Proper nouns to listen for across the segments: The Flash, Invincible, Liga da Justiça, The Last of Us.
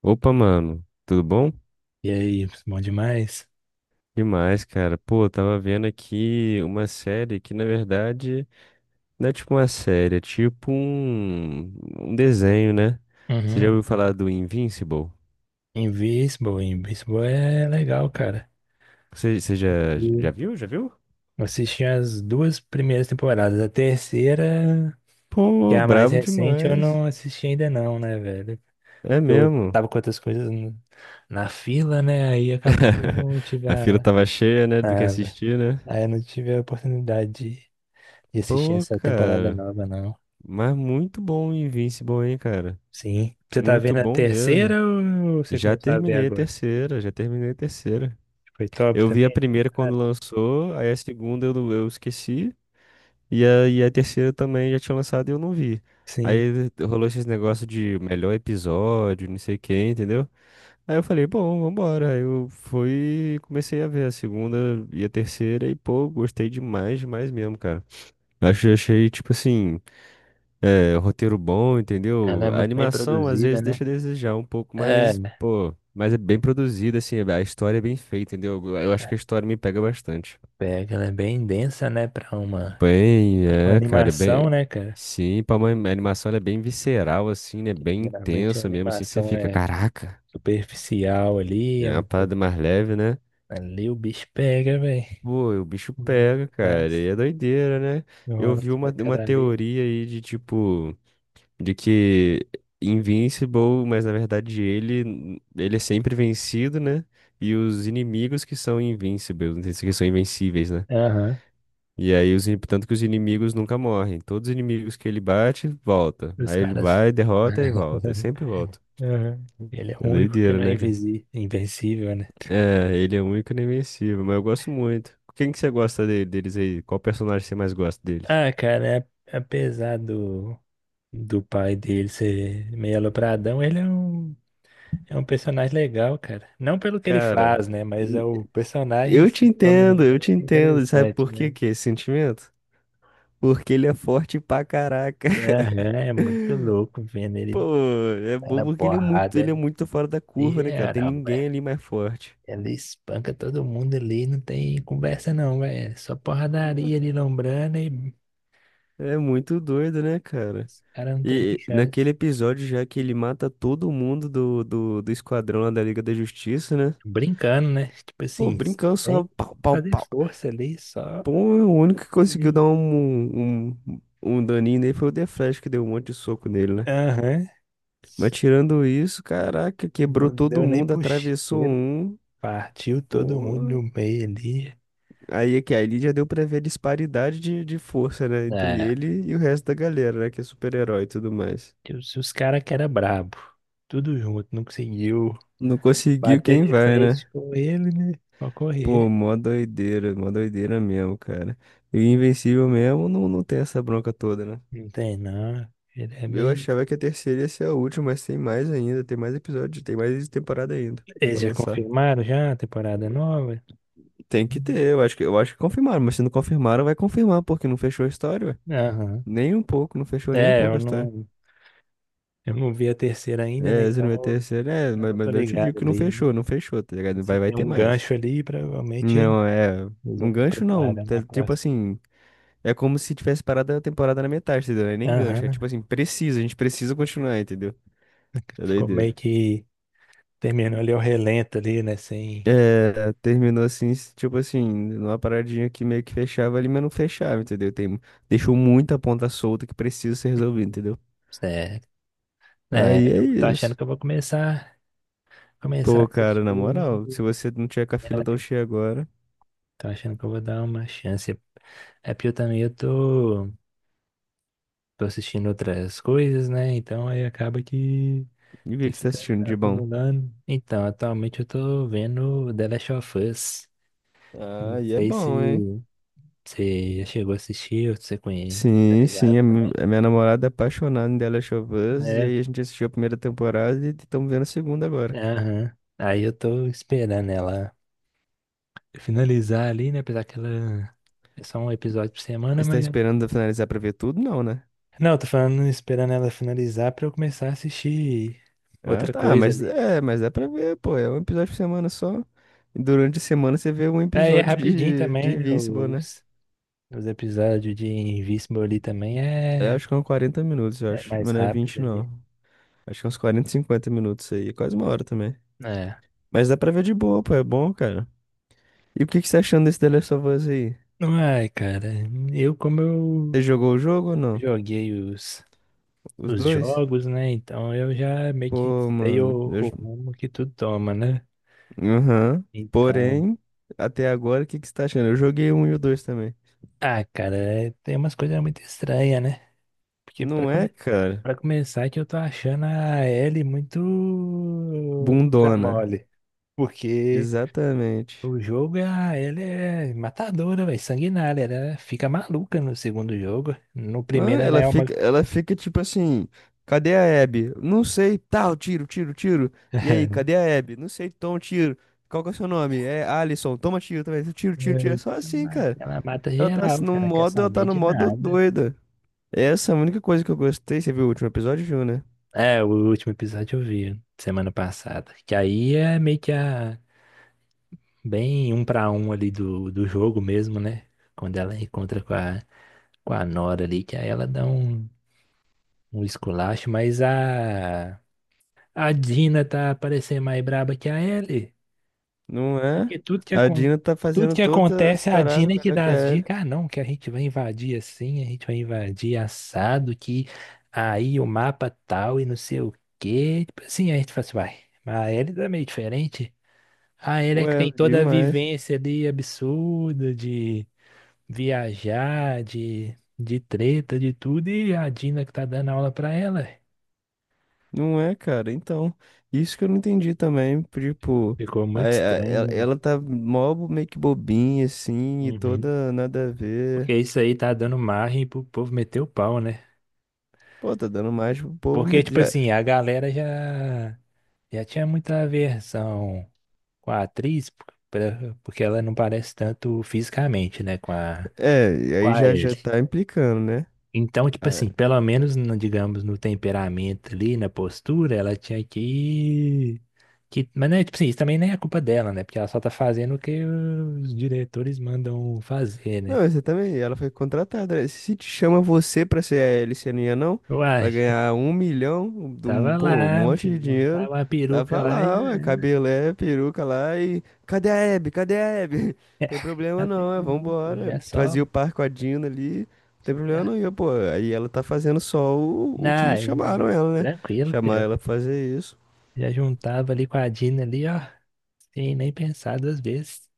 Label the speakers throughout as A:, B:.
A: Opa, mano, tudo bom?
B: E aí, bom demais?
A: Demais, cara. Pô, eu tava vendo aqui uma série que, na verdade, não é tipo uma série, é tipo um desenho, né? Você já
B: Uhum.
A: ouviu falar do Invincible?
B: Invincible, Invincible é legal, cara.
A: Você, você já,
B: Eu
A: já viu? Já viu?
B: assisti as duas primeiras temporadas. A terceira, que é
A: Pô,
B: a mais
A: brabo
B: recente, eu
A: demais.
B: não assisti ainda não, né, velho?
A: É
B: Eu
A: mesmo.
B: tava com outras coisas na fila, né? Aí acabou que eu não tive
A: A fila tava cheia, né, do que
B: a-
A: assistir, né?
B: Aí eu não tive a oportunidade de assistir
A: Pô,
B: essa temporada
A: cara.
B: nova, não.
A: Mas muito bom o Invincible, hein, cara?
B: Sim. Você tá
A: Muito
B: vendo a
A: bom mesmo.
B: terceira ou você
A: Já
B: começou a ver
A: terminei a
B: agora?
A: terceira, já terminei a terceira.
B: Foi top
A: Eu vi a
B: também?
A: primeira
B: Ah,
A: quando lançou, aí a segunda eu, não- eu esqueci, e a terceira também já tinha lançado e eu não vi.
B: sim.
A: Aí rolou esses negócios de melhor episódio, não sei quem, entendeu? Aí eu falei, bom, vambora. Aí eu fui e comecei a ver a segunda e a terceira e, pô, gostei demais, demais mesmo, cara. Achei, achei tipo assim, é, roteiro bom,
B: Ela
A: entendeu?
B: é
A: A
B: muito bem
A: animação às
B: produzida,
A: vezes
B: né?
A: deixa a desejar um pouco,
B: É,
A: mas, pô, mas é bem produzida, assim, a história é bem feita, entendeu? Eu acho que a história me pega bastante.
B: pega, ela é bem densa, né,
A: Bem,
B: pra uma
A: é, cara, bem.
B: animação, né, cara?
A: Sim, pra uma animação ela é bem visceral, assim, né?
B: Que
A: Bem
B: geralmente a
A: intensa mesmo, assim, você
B: animação
A: fica,
B: é
A: caraca,
B: superficial ali, é
A: é uma
B: uma coisa.
A: parada mais leve, né?
B: Ali o bicho pega, velho.
A: Pô, e o bicho pega, cara, e
B: Mas
A: é doideira, né? Eu
B: rola
A: vi
B: as
A: uma
B: pancadarias.
A: teoria aí de tipo, de que Invincible, mas na verdade ele é sempre vencido, né? E os inimigos que são invincibles, que são invencíveis, né?
B: Aham,
A: E aí, tanto que os inimigos nunca morrem. Todos os inimigos que ele bate, volta.
B: os
A: Aí ele
B: caras.
A: vai, derrota e volta. E sempre volta.
B: Aham. Ele é o
A: É
B: único que
A: doideira,
B: não é
A: né, cara?
B: invencível, né?
A: É, ele é único e invencível, mas eu gosto muito. Quem que você gosta deles aí? Qual personagem você mais gosta deles?
B: Ah, cara, apesar do pai dele ser meio alopradão, ele é um. É um personagem legal, cara. Não pelo que ele
A: Cara,
B: faz, né? Mas é
A: e-
B: o personagem em
A: eu te
B: si, como ele é
A: entendo, eu te
B: bem
A: entendo. Sabe
B: interessante,
A: por que
B: né?
A: que é esse sentimento? Porque ele é forte pra caraca.
B: Aham, é muito louco vendo ele
A: Pô, é
B: tá
A: bom
B: na
A: porque ele
B: porrada
A: é muito fora da
B: de
A: curva, né, cara? Tem
B: geral,
A: ninguém
B: velho.
A: ali mais forte.
B: Ele espanca todo mundo ali, não tem conversa não, velho. É só
A: Pô,
B: porradaria ali, lombrando e
A: é muito doido, né, cara?
B: os caras não tem nem
A: E naquele
B: chance.
A: episódio já que ele mata todo mundo do esquadrão lá da Liga da Justiça, né?
B: Brincando, né? Tipo
A: Pô,
B: assim,
A: brincando só
B: sem
A: pau, pau,
B: fazer
A: pau.
B: força ali, só
A: Pô, o único que conseguiu dar
B: tranquilinho.
A: um daninho nele foi o The Flash, que deu um monte de soco nele, né?
B: Aham.
A: Mas tirando isso, caraca, quebrou
B: Não
A: todo
B: deu nem
A: mundo, atravessou
B: puxeira.
A: um.
B: Partiu todo mundo
A: Pô,
B: no meio ali.
A: aí é que ali já deu pra ver a disparidade de força, né? Entre
B: É,
A: ele e o resto da galera, né? Que é super-herói e tudo mais.
B: e os caras que era brabo. Tudo junto, não conseguiu
A: Não conseguiu
B: bater
A: quem
B: de
A: vai,
B: frente
A: né?
B: com ele, né? Pra
A: Pô,
B: correr.
A: mó doideira mesmo, cara. E Invencível mesmo não, não tem essa bronca toda, né?
B: Não tem, não. Ele é
A: Eu
B: meio.
A: achava que a terceira ia ser a última, mas tem mais ainda, tem mais episódios, tem mais temporada ainda
B: Eles
A: pra
B: já
A: lançar.
B: confirmaram já a temporada nova?
A: Tem que ter, eu acho que confirmaram, mas se não confirmaram, vai confirmar, porque não fechou a história, ué.
B: Aham.
A: Nem um pouco, não fechou nem um
B: É,
A: pouco a história.
B: eu não vi a terceira ainda, né?
A: É, se
B: Então
A: não é terceira, é,
B: eu não tô
A: mas eu te digo
B: ligado
A: que não
B: ali, né?
A: fechou, não fechou, tá ligado?
B: Mas se
A: Vai, vai
B: tem
A: ter
B: um
A: mais.
B: gancho ali, provavelmente
A: Não, é.
B: eles já
A: Um
B: estão
A: gancho não,
B: preparando a
A: tipo
B: próxima.
A: assim. É como se tivesse parado a temporada na metade, entendeu? É nem gancho. É
B: Aham.
A: tipo assim, precisa, a gente precisa continuar, entendeu? É
B: Ficou
A: doideira.
B: meio que. Terminou ali o relento ali, né? Sem.
A: É, terminou assim, tipo assim, numa paradinha que meio que fechava ali, mas não fechava, entendeu? Tem, deixou muita ponta solta que precisa ser resolvida,
B: Hum.
A: entendeu?
B: Certo. É,
A: Aí é
B: eu tô achando
A: isso.
B: que eu vou começar a
A: Pô, cara,
B: assistir.
A: na moral, se você não tiver com a fila tão
B: Terapia.
A: cheia agora,
B: Tô achando que eu vou dar uma chance. É porque eu também eu tô assistindo outras coisas, né? Então aí acaba que
A: e o que
B: você
A: que você tá
B: fica
A: assistindo de bom?
B: acumulando. Então, atualmente eu tô vendo The Last of Us.
A: Ah,
B: Não
A: e é
B: sei se
A: bom, hein?
B: você já chegou a assistir ou se você conhece, tá
A: Sim,
B: ligado
A: sim, a
B: também?
A: minha namorada é apaixonada em The Last of Us, e
B: É,
A: aí a gente assistiu a primeira temporada e estamos vendo a segunda agora.
B: aham. Aí eu tô esperando ela finalizar ali, né? Apesar que ela é só um episódio por semana,
A: Mas tá
B: mas.
A: esperando finalizar pra ver tudo? Não, né?
B: Não, eu tô falando esperando ela finalizar pra eu começar a assistir
A: Ah,
B: outra
A: tá,
B: coisa ali, né?
A: mas é pra ver, pô. É um episódio por semana só. E durante a semana você vê um
B: Aí é
A: episódio
B: rapidinho
A: de
B: também, né?
A: Invincible, né?
B: Os episódios de Invincible ali também
A: É,
B: é,
A: acho que é uns 40 minutos, eu
B: é
A: acho.
B: mais
A: Mas não é
B: rápido
A: 20
B: ali.
A: não. Acho que é uns 40, 50 minutos aí. É quase uma hora também.
B: É.
A: Mas dá pra ver de boa, pô. É bom, cara. E o que que você tá achando desse The Last of Us aí?
B: Ai, cara, eu como eu
A: Você jogou o jogo ou não?
B: joguei
A: Os
B: os
A: dois?
B: jogos, né? Então eu já meio que
A: Pô,
B: sei
A: mano.
B: o rumo que tudo toma, né?
A: Aham.
B: Então.
A: Porém, até agora, o que que você tá achando? Eu joguei um e o dois também.
B: Ah, cara, tem umas coisas muito estranhas, né? Porque
A: Não é, cara?
B: pra começar é que eu tô achando a L muito da
A: Bundona.
B: mole. Porque
A: Exatamente.
B: o jogo, é, a L é matadora, velho, sanguinária. Ela fica maluca no segundo jogo. No
A: Ah,
B: primeiro ela
A: ela
B: é uma...
A: fica, ela fica tipo assim, cadê a Abby? Não sei, tal, tiro, tiro, tiro. E aí, cadê a Abby? Não sei, toma um tiro. Qual que é o seu nome? É Alisson, toma um tiro também. Tiro, tiro, tiro. É só assim, cara.
B: Ela mata
A: Ela tá
B: geral,
A: assim, no
B: cara, não quer
A: modo, ela tá
B: saber
A: no
B: de
A: modo
B: nada.
A: doida. Essa é a única coisa que eu gostei. Você viu o último episódio, viu, né?
B: É, o último episódio eu vi semana passada. Que aí é meio que a... Bem um pra um ali do jogo mesmo, né? Quando ela encontra com a Nora ali, que aí ela dá um... um esculacho, mas a Dina tá parecendo mais braba que a Ellie.
A: Não é?
B: Porque tudo
A: A Dina tá
B: tudo
A: fazendo
B: que
A: todas as
B: acontece, a
A: paradas
B: Dina é que
A: melhor que
B: dá as
A: a Ellie.
B: dicas. Ah, não, que a gente vai invadir assim, a gente vai invadir assado, que aí o mapa tal e não sei o quê. Tipo assim, a gente fala assim, vai. Mas a Ellie tá meio diferente. A Ellie é que
A: Ué,
B: tem toda a
A: demais.
B: vivência ali absurda de viajar, de treta, de tudo, e a Dina que tá dando aula pra ela.
A: Não é, cara. Então, isso que eu não entendi também. Tipo,
B: Ficou
A: a- a-
B: muito estranho,
A: ela
B: né?
A: tá mó meio que bobinha, assim, e
B: Uhum.
A: toda nada a ver.
B: Porque isso aí tá dando margem pro povo meter o pau, né?
A: Pô, tá dando mais pro povo.
B: Porque,
A: Mas
B: tipo
A: já,
B: assim, a galera já tinha muita aversão com a atriz, porque ela não parece tanto fisicamente, né,
A: é, e
B: com
A: aí
B: a
A: já já
B: Ellie.
A: tá implicando, né?
B: Então, tipo assim, pelo menos, no, digamos, no temperamento ali, na postura, ela tinha que... Mas, né, tipo assim, isso também nem é culpa dela, né? Porque ela só tá fazendo o que os diretores mandam fazer, né?
A: Não, exatamente. Ela foi contratada. Né? Se te chama você pra ser a Alice, não ia pra
B: Uai.
A: ganhar 1 milhão, de um,
B: Tava
A: pô, um
B: lá, meu
A: monte de
B: filho, tava
A: dinheiro.
B: uma peruca
A: Tava
B: lá e já
A: lá, ué,
B: era.
A: cabelé, peruca lá e... Cadê a Hebe? Cadê a Hebe? Tem problema
B: A
A: não, ué,
B: peruca,
A: vambora.
B: já só.
A: Fazia o par com a Dina ali, não tem problema
B: Já...
A: não. E, eu, pô, aí ela tá fazendo só o que
B: Não,
A: chamaram ela, né?
B: tranquilo,
A: Chamaram
B: filho.
A: ela pra fazer isso.
B: Já juntava ali com a Dina ali, ó. Sem nem pensar duas vezes.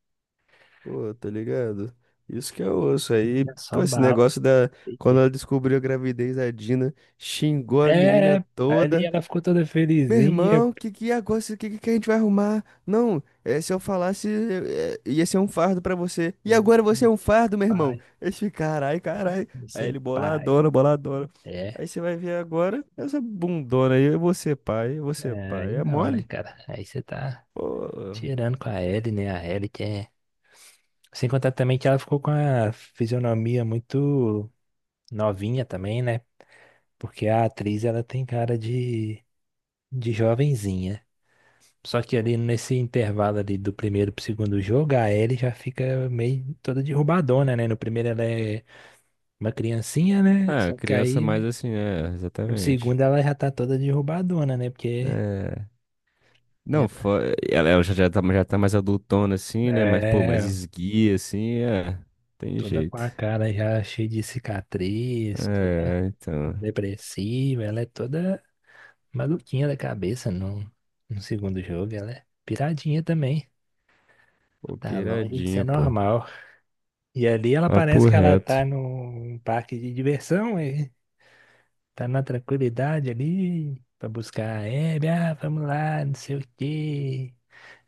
A: Pô, tá ligado? Isso que eu osso aí,
B: Já só
A: pô, esse
B: bala.
A: negócio da.
B: sei
A: Quando
B: que-
A: ela descobriu a gravidez, a Dina xingou a
B: É,
A: menina
B: ali
A: toda.
B: ela ficou toda
A: Meu
B: felizinha.
A: irmão, que é agora? O que, que a gente vai arrumar? Não, é, se eu falasse, é, é, ia ser um fardo pra você. E
B: Pô.
A: agora você é um fardo, meu irmão.
B: Pai,
A: Eles ficam, carai, carai. Aí
B: você é
A: ele
B: pai.
A: boladona, boladona.
B: É,
A: Aí você vai ver agora essa bundona aí. Eu vou ser pai, eu vou ser
B: aí
A: pai. É
B: não, né,
A: mole?
B: cara? Aí você tá
A: Pô.
B: tirando com a Ellie, né? A Ellie que é. Sem contar também que ela ficou com a fisionomia muito novinha também, né? Porque a atriz ela tem cara de jovenzinha. Só que ali nesse intervalo ali do primeiro pro segundo jogo, a Ellie já fica meio toda derrubadona, né? No primeiro ela é uma criancinha, né?
A: Ah,
B: Só que
A: criança
B: aí
A: mais assim, é,
B: no
A: exatamente.
B: segundo ela já tá toda derrubadona, né? Porque
A: É.
B: já
A: Não,
B: tá.
A: fo- ela já, já tá mais adultona assim, né? Mas, pô, mais
B: É,
A: esguia assim, é. Tem
B: toda com
A: jeito.
B: a cara já cheia de cicatriz, toda
A: É, então.
B: depressiva, ela é toda maluquinha da cabeça no segundo jogo, ela é piradinha também.
A: Pô,
B: Tá longe de ser
A: piradinha, pô.
B: normal. E ali ela
A: Papo
B: parece que ela tá
A: reto.
B: num parque de diversão, e tá na tranquilidade ali, pra buscar a Hebe, ah, vamos lá, não sei o quê,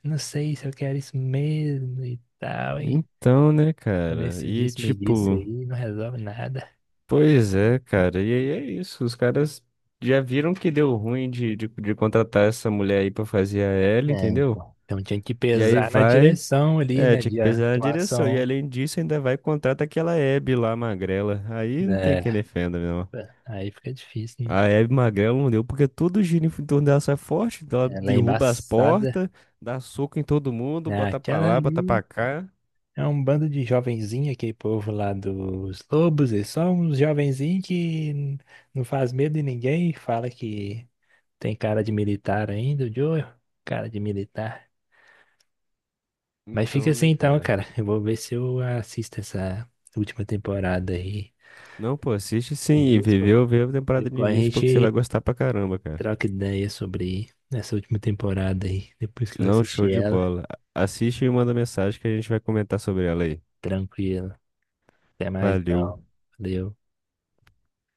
B: não sei se eu quero isso mesmo e tal, e
A: Então, né, cara?
B: nesse
A: E
B: disse-me-disse
A: tipo,
B: aí, não resolve nada.
A: pois é, cara. E aí é isso. Os caras já viram que deu ruim de, de contratar essa mulher aí pra fazer a Ellie,
B: É,
A: entendeu?
B: pô. Então tinha que
A: E aí
B: pesar na
A: vai.
B: direção ali,
A: É,
B: né,
A: tinha que
B: de
A: pesar na direção. E
B: atuação.
A: além disso, ainda vai e contrata aquela Hebe lá, magrela. Aí não tem quem
B: É,
A: defenda, não.
B: aí fica difícil, né?
A: A Hebe Magrela não deu, porque todo giro em torno dela sai forte, então ela
B: Ela é
A: derruba as
B: embaçada,
A: portas, dá soco em todo mundo,
B: né?
A: bota pra
B: Aquela
A: lá, bota
B: ali.
A: pra cá.
B: É um bando de jovenzinho, aquele povo lá dos lobos, e só uns jovenzinhos que não faz medo de ninguém, fala que tem cara de militar ainda, o Joe, cara de militar. Mas fica
A: Então,
B: assim
A: né,
B: então,
A: cara?
B: cara. Eu vou ver se eu assisto essa última temporada aí.
A: Não, pô, assiste sim e
B: Isso.
A: viveu, vê a temporada de
B: Depois a
A: Invincible porque você vai
B: gente
A: gostar pra caramba, cara.
B: troca ideia sobre essa última temporada aí, depois que eu
A: Não, show
B: assisti
A: de
B: ela.
A: bola. Assiste e manda mensagem que a gente vai comentar sobre ela aí.
B: Tranquilo. Até mais
A: Valeu.
B: então. Valeu.